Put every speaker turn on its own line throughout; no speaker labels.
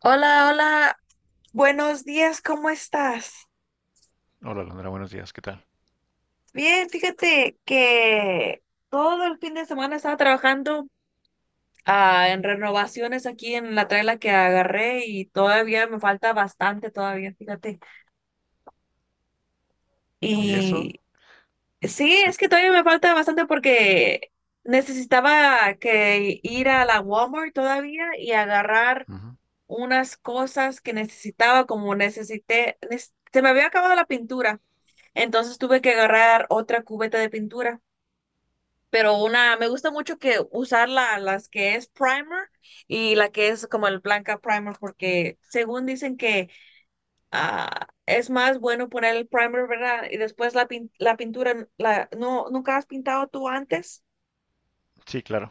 Hola, hola, buenos días, ¿cómo estás?
Hola, Londra, buenos días, ¿qué tal?
Bien, fíjate que todo el fin de semana estaba trabajando en renovaciones aquí en la traila que agarré y todavía me falta bastante, todavía, fíjate.
¿Y eso?
Y sí, es
Pe-
que todavía me falta bastante porque necesitaba que ir a la Walmart todavía y agarrar
ujú.
unas cosas que necesitaba, como necesité, se me había acabado la pintura. Entonces tuve que agarrar otra cubeta de pintura. Pero una, me gusta mucho que usar las que es primer y la que es como el blanca primer, porque según dicen que es más bueno poner el primer, ¿verdad? Y después la pintura, la, no, ¿nunca has pintado tú antes?
Sí, claro,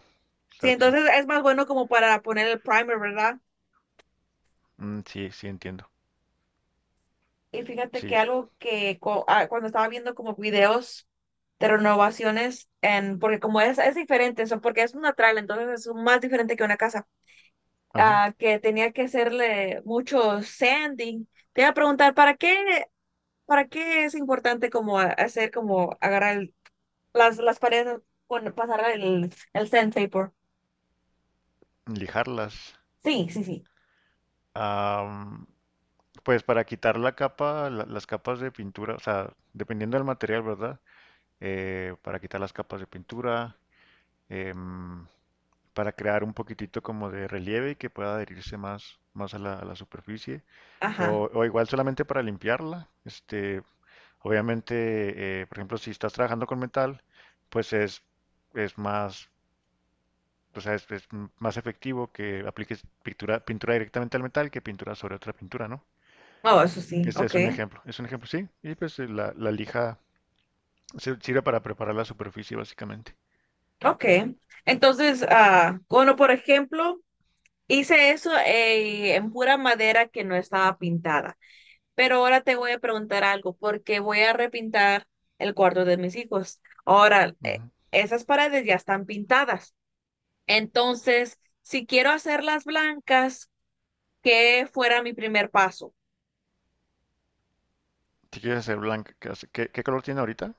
Sí,
claro que sí.
entonces es más bueno como para poner el primer, ¿verdad?
Mm, sí, sí, entiendo.
Y fíjate que
Sí,
algo que co- ah, cuando estaba viendo como videos de renovaciones, en, porque como es diferente, eso, porque es una trala, entonces es más diferente que una casa,
ajá,
ah, que tenía que hacerle mucho sanding. Te iba a preguntar, para qué es importante como hacer, como agarrar las paredes, con, pasar el sandpaper?
lijarlas.
Sí, sí, sí.
Am, pues para quitar la capa, las capas de pintura, o sea, dependiendo del material, ¿verdad? Para quitar las capas de pintura, em, para crear un poquitito como de relieve y que pueda adherirse más a a la superficie.
Ajá.
O igual solamente para limpiarla, este, obviamente, por ejemplo, si estás trabajando con metal, pues es más, o sea, es más efectivo que apliques pintura directamente al metal que pintura sobre otra pintura, ¿no?
Oh, eso sí,
Este
ok.
es un ejemplo, sí. Y pues la lija sirve para preparar la superficie, básicamente.
Ok. Entonces, ah, bueno, por ejemplo. Hice eso en pura madera que no estaba pintada. Pero ahora te voy a preguntar algo, porque voy a repintar el cuarto de mis hijos. Ahora,
Ujú.
esas paredes ya están pintadas. Entonces, si quiero hacerlas blancas, ¿qué fuera mi primer paso?
Si quieres hacer blanca, ¿qué, qué- qué color tiene ahorita?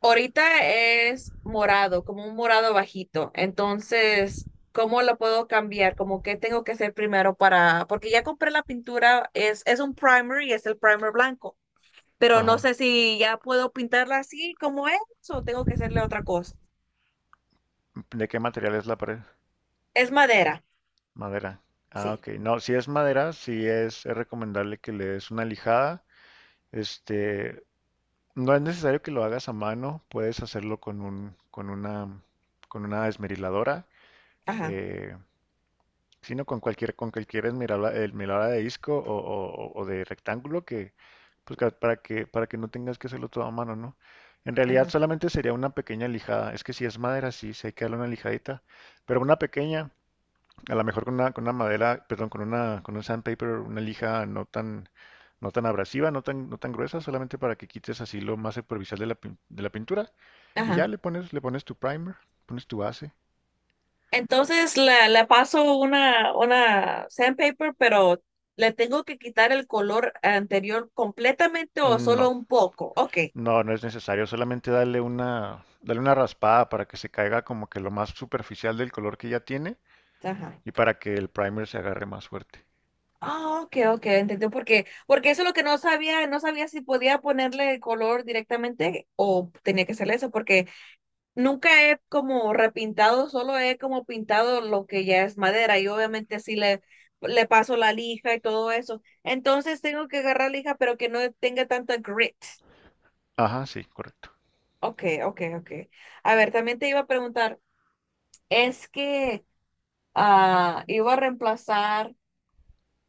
Ahorita es morado, como un morado bajito. Entonces, ¿cómo lo puedo cambiar? Como qué tengo que hacer primero para, porque ya compré la pintura, es un primer y es el primer blanco, pero no sé
Ajá.
si ya puedo pintarla así como es o tengo que hacerle otra cosa.
¿De qué material es la pared?
Es madera,
Madera. Ah,
sí.
ok. No, si es madera, sí es recomendable que le des una lijada. Este, no es necesario que lo hagas a mano, puedes hacerlo con un, con una esmeriladora,
Ajá,
eh, sino con cualquier esmeriladora, de disco o, o de rectángulo que, pues, para que no tengas que hacerlo todo a mano, ¿no? En realidad
ajá,
solamente sería una pequeña lijada. Es que si es madera, sí, sí hay que darle una lijadita, pero una pequeña a lo mejor con una madera, perdón, con una, con un sandpaper, una lija no tan, no tan abrasiva, no tan, no tan gruesa, solamente para que quites así lo más superficial de de la pintura. Y ya
ajá.
le pones tu primer, pones tu base.
Entonces la paso una sandpaper, pero le tengo que quitar el color anterior completamente o solo
No,
un poco. Ok,
no, no es necesario, solamente darle una raspada para que se caiga como que lo más superficial del color que ya tiene
ajá.
y para que el primer se agarre más fuerte.
Ah, ok, ok, entendí. Porque, porque eso es lo que no sabía, no sabía si podía ponerle el color directamente o tenía que hacerle eso, porque nunca he como repintado, solo he como pintado lo que ya es madera y obviamente sí le paso la lija y todo eso. Entonces tengo que agarrar lija, pero que no tenga tanta grit.
Ajá, sí, correcto.
Ok, ok, ok. A ver, también te iba a preguntar, es que ah, iba a reemplazar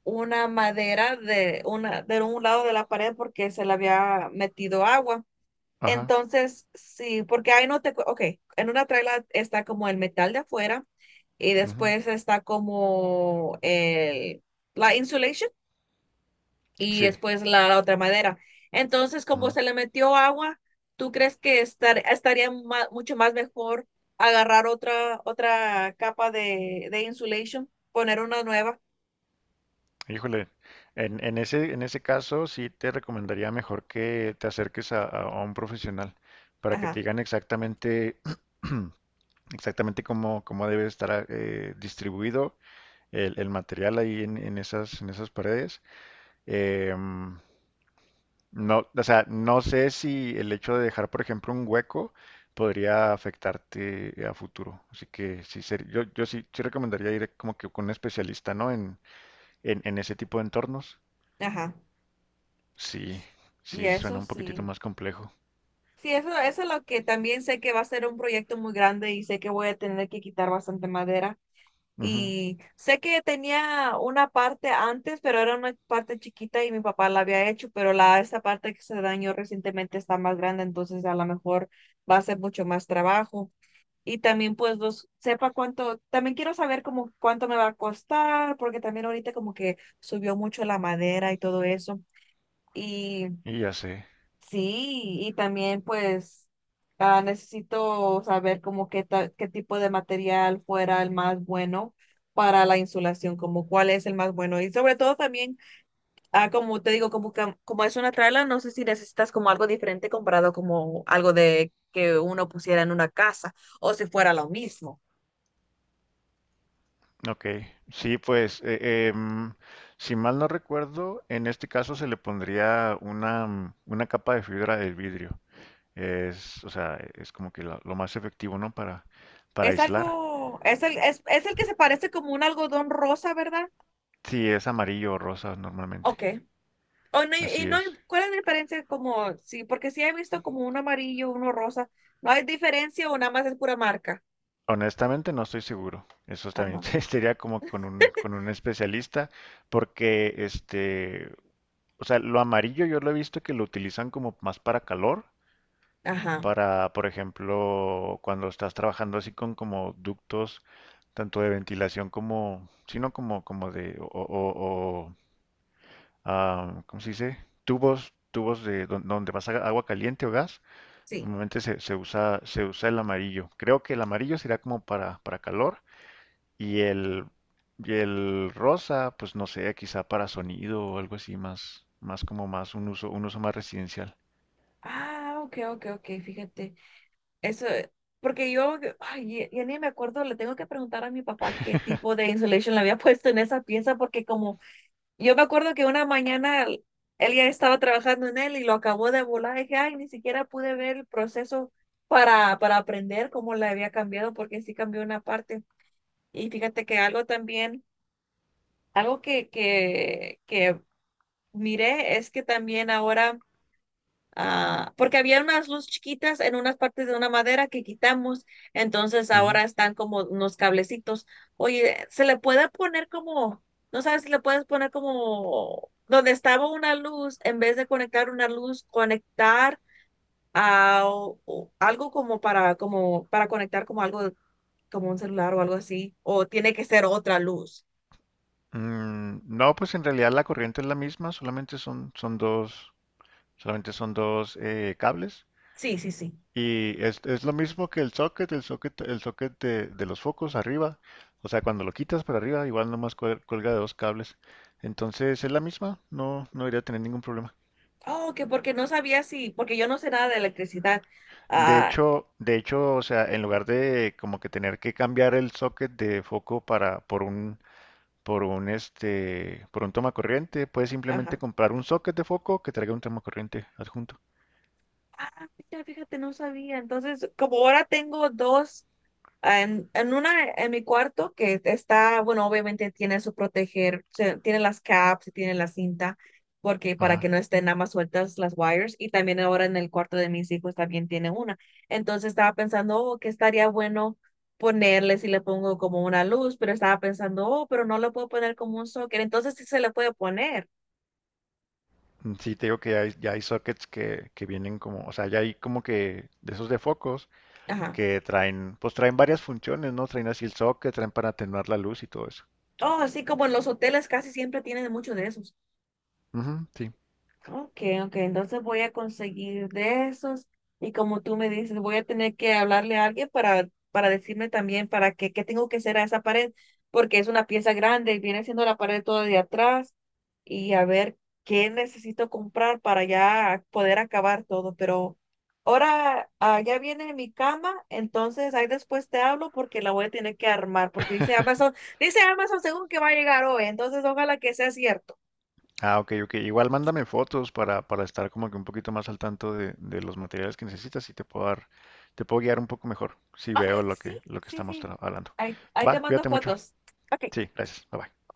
una madera de, una, de un lado de la pared porque se le había metido agua.
Ajá,
Entonces, sí, porque ahí no te, cu- ok, en una traila está como el metal de afuera y
ujú,
después está como el, la insulation y
sí.
después la otra madera. Entonces, como
Ujú.
se le metió agua, ¿tú crees que estar, estaría mucho más mejor agarrar otra capa de insulation, poner una nueva?
Híjole, en ese caso sí te recomendaría mejor que te acerques a, a un profesional para que te
Ajá,
digan exactamente, exactamente cómo, cómo debe estar distribuido el material ahí en esas paredes. Em, no, o sea, no sé si el hecho de dejar, por ejemplo, un hueco podría afectarte a futuro. Así que sí, yo, yo sí, sí recomendaría ir como que con un especialista, ¿no? En ese tipo de entornos.
ajá.
Sí,
Y
sí, suena
eso
un poquitito
sí.
más complejo.
Sí, eso es lo que también sé que va a ser un proyecto muy grande y sé que voy a tener que quitar bastante madera.
Ujú,
Y sé que tenía una parte antes, pero era una parte chiquita y mi papá la había hecho, pero la, esa parte que se dañó recientemente está más grande, entonces a lo mejor va a ser mucho más trabajo. Y también pues los, sepa cuánto, también quiero saber como cuánto me va a costar, porque también ahorita como que subió mucho la madera y todo eso. Y
y ya sé.
sí, y también pues ah, necesito saber como qué qué tipo de material fuera el más bueno para la insulación, como cuál es el más bueno. Y sobre todo también, ah, como te digo, como, como es una trala, no sé si necesitas como algo diferente comparado como algo de que uno pusiera en una casa o si fuera lo mismo.
Ok. Sí, pues, em, si mal no recuerdo, en este caso se le pondría una, mm, una capa de fibra del vidrio. Es, o sea, es como que lo más efectivo, ¿no? Para
Es
aislar.
algo, es el que se parece como un algodón rosa, ¿verdad?
Sí, es amarillo o rosa normalmente.
Ok. O no, y
Así
no, hay-
es.
¿cuál es la diferencia? Como, sí, porque sí he visto como uno amarillo, uno rosa. ¿No hay diferencia o nada más es pura marca?
Honestamente no estoy seguro. Eso también
Ajá,
sería como con un especialista, porque este, o sea, lo amarillo yo lo he visto que lo utilizan como más para calor,
ajá,
para, por ejemplo, cuando estás trabajando así con como ductos, tanto de ventilación como, sino como, como de, o, o, ¿cómo se dice? Tubos, tubos de donde vas a agua caliente o gas.
sí.
Normalmente se, se usa el amarillo. Creo que el amarillo será como para calor y el, y el rosa, pues no sé, quizá para sonido o algo así más, más como más un uso más residencial.
Ah, ok, ok, ok, fíjate. Eso, porque yo, ay, ya, ya ni me acuerdo, le tengo que preguntar a mi papá qué tipo de insulation le había puesto en esa pieza, porque como yo me acuerdo que una mañana él ya estaba trabajando en él y lo acabó de volar, dije, ay, ni siquiera pude ver el proceso para aprender cómo le había cambiado, porque sí cambió una parte. Y fíjate que algo también, algo que miré es que también ahora, ah, porque había unas luces chiquitas en unas partes de una madera que quitamos, entonces
Ujú.
ahora están como unos cablecitos. Oye, se le puede poner como, no sabes si le puedes poner como donde estaba una luz, en vez de conectar una luz, conectar a o algo como para, como para conectar como algo, como un celular o algo así, o tiene que ser otra luz.
Mm, no, pues en realidad la corriente es la misma, solamente son, son dos, solamente son dos cables.
Sí, sí, sí.
Y es lo mismo que el socket, el socket, el socket de los focos arriba. O sea, cuando lo quitas para arriba, igual nomás cuelga de dos cables. Entonces es la misma, no, no debería tener ningún problema.
Oh, que porque no sabía si, porque yo no sé nada de electricidad. Ah,
De hecho, o sea, en lugar de como que tener que cambiar el socket de foco para, por un este, por un toma corriente. Puedes simplemente
ajá.
comprar un socket de foco que traiga un toma corriente adjunto.
Ah, mira, fíjate, no sabía. Entonces, como ahora tengo dos. En una, en mi cuarto que está, bueno, obviamente tiene su proteger, tiene las caps y tiene la cinta, porque para que
Ajá.
no estén nada más sueltas las wires, y también ahora en el cuarto de mis hijos también tiene una. Entonces estaba pensando, oh, que estaría bueno ponerle si le pongo como una luz, pero estaba pensando, oh, pero no le puedo poner como un socket, entonces sí se le puede poner.
Mm, sí, te digo que ya hay sockets que vienen como, o sea, ya hay como que de esos de focos
Ajá.
que traen, pues traen varias funciones, ¿no? Traen así el socket, traen para atenuar la luz y todo eso.
Oh, así como en los hoteles casi siempre tienen mucho de eso.
Ujú, sí.
Ok, ok, entonces voy a conseguir de esos y como tú me dices, voy a tener que hablarle a alguien para decirme también para qué, qué tengo que hacer a esa pared, porque es una pieza grande y viene siendo la pared toda de atrás y a ver qué necesito comprar para ya poder acabar todo, pero ahora ah, ya viene mi cama, entonces ahí después te hablo porque la voy a tener que armar, porque dice Amazon según que va a llegar hoy, entonces ojalá que sea cierto.
Ah, ok, ok. Igual mándame fotos para estar como que un poquito más al tanto de los materiales que necesitas y te puedo dar, te puedo guiar un poco mejor si
Ok,
veo
sí,
lo que
sí,
estamos
sí.
hablando.
Ahí, ahí te
Va,
mando
cuídate mucho.
fotos. Ok.
Sí, gracias. Bye bye.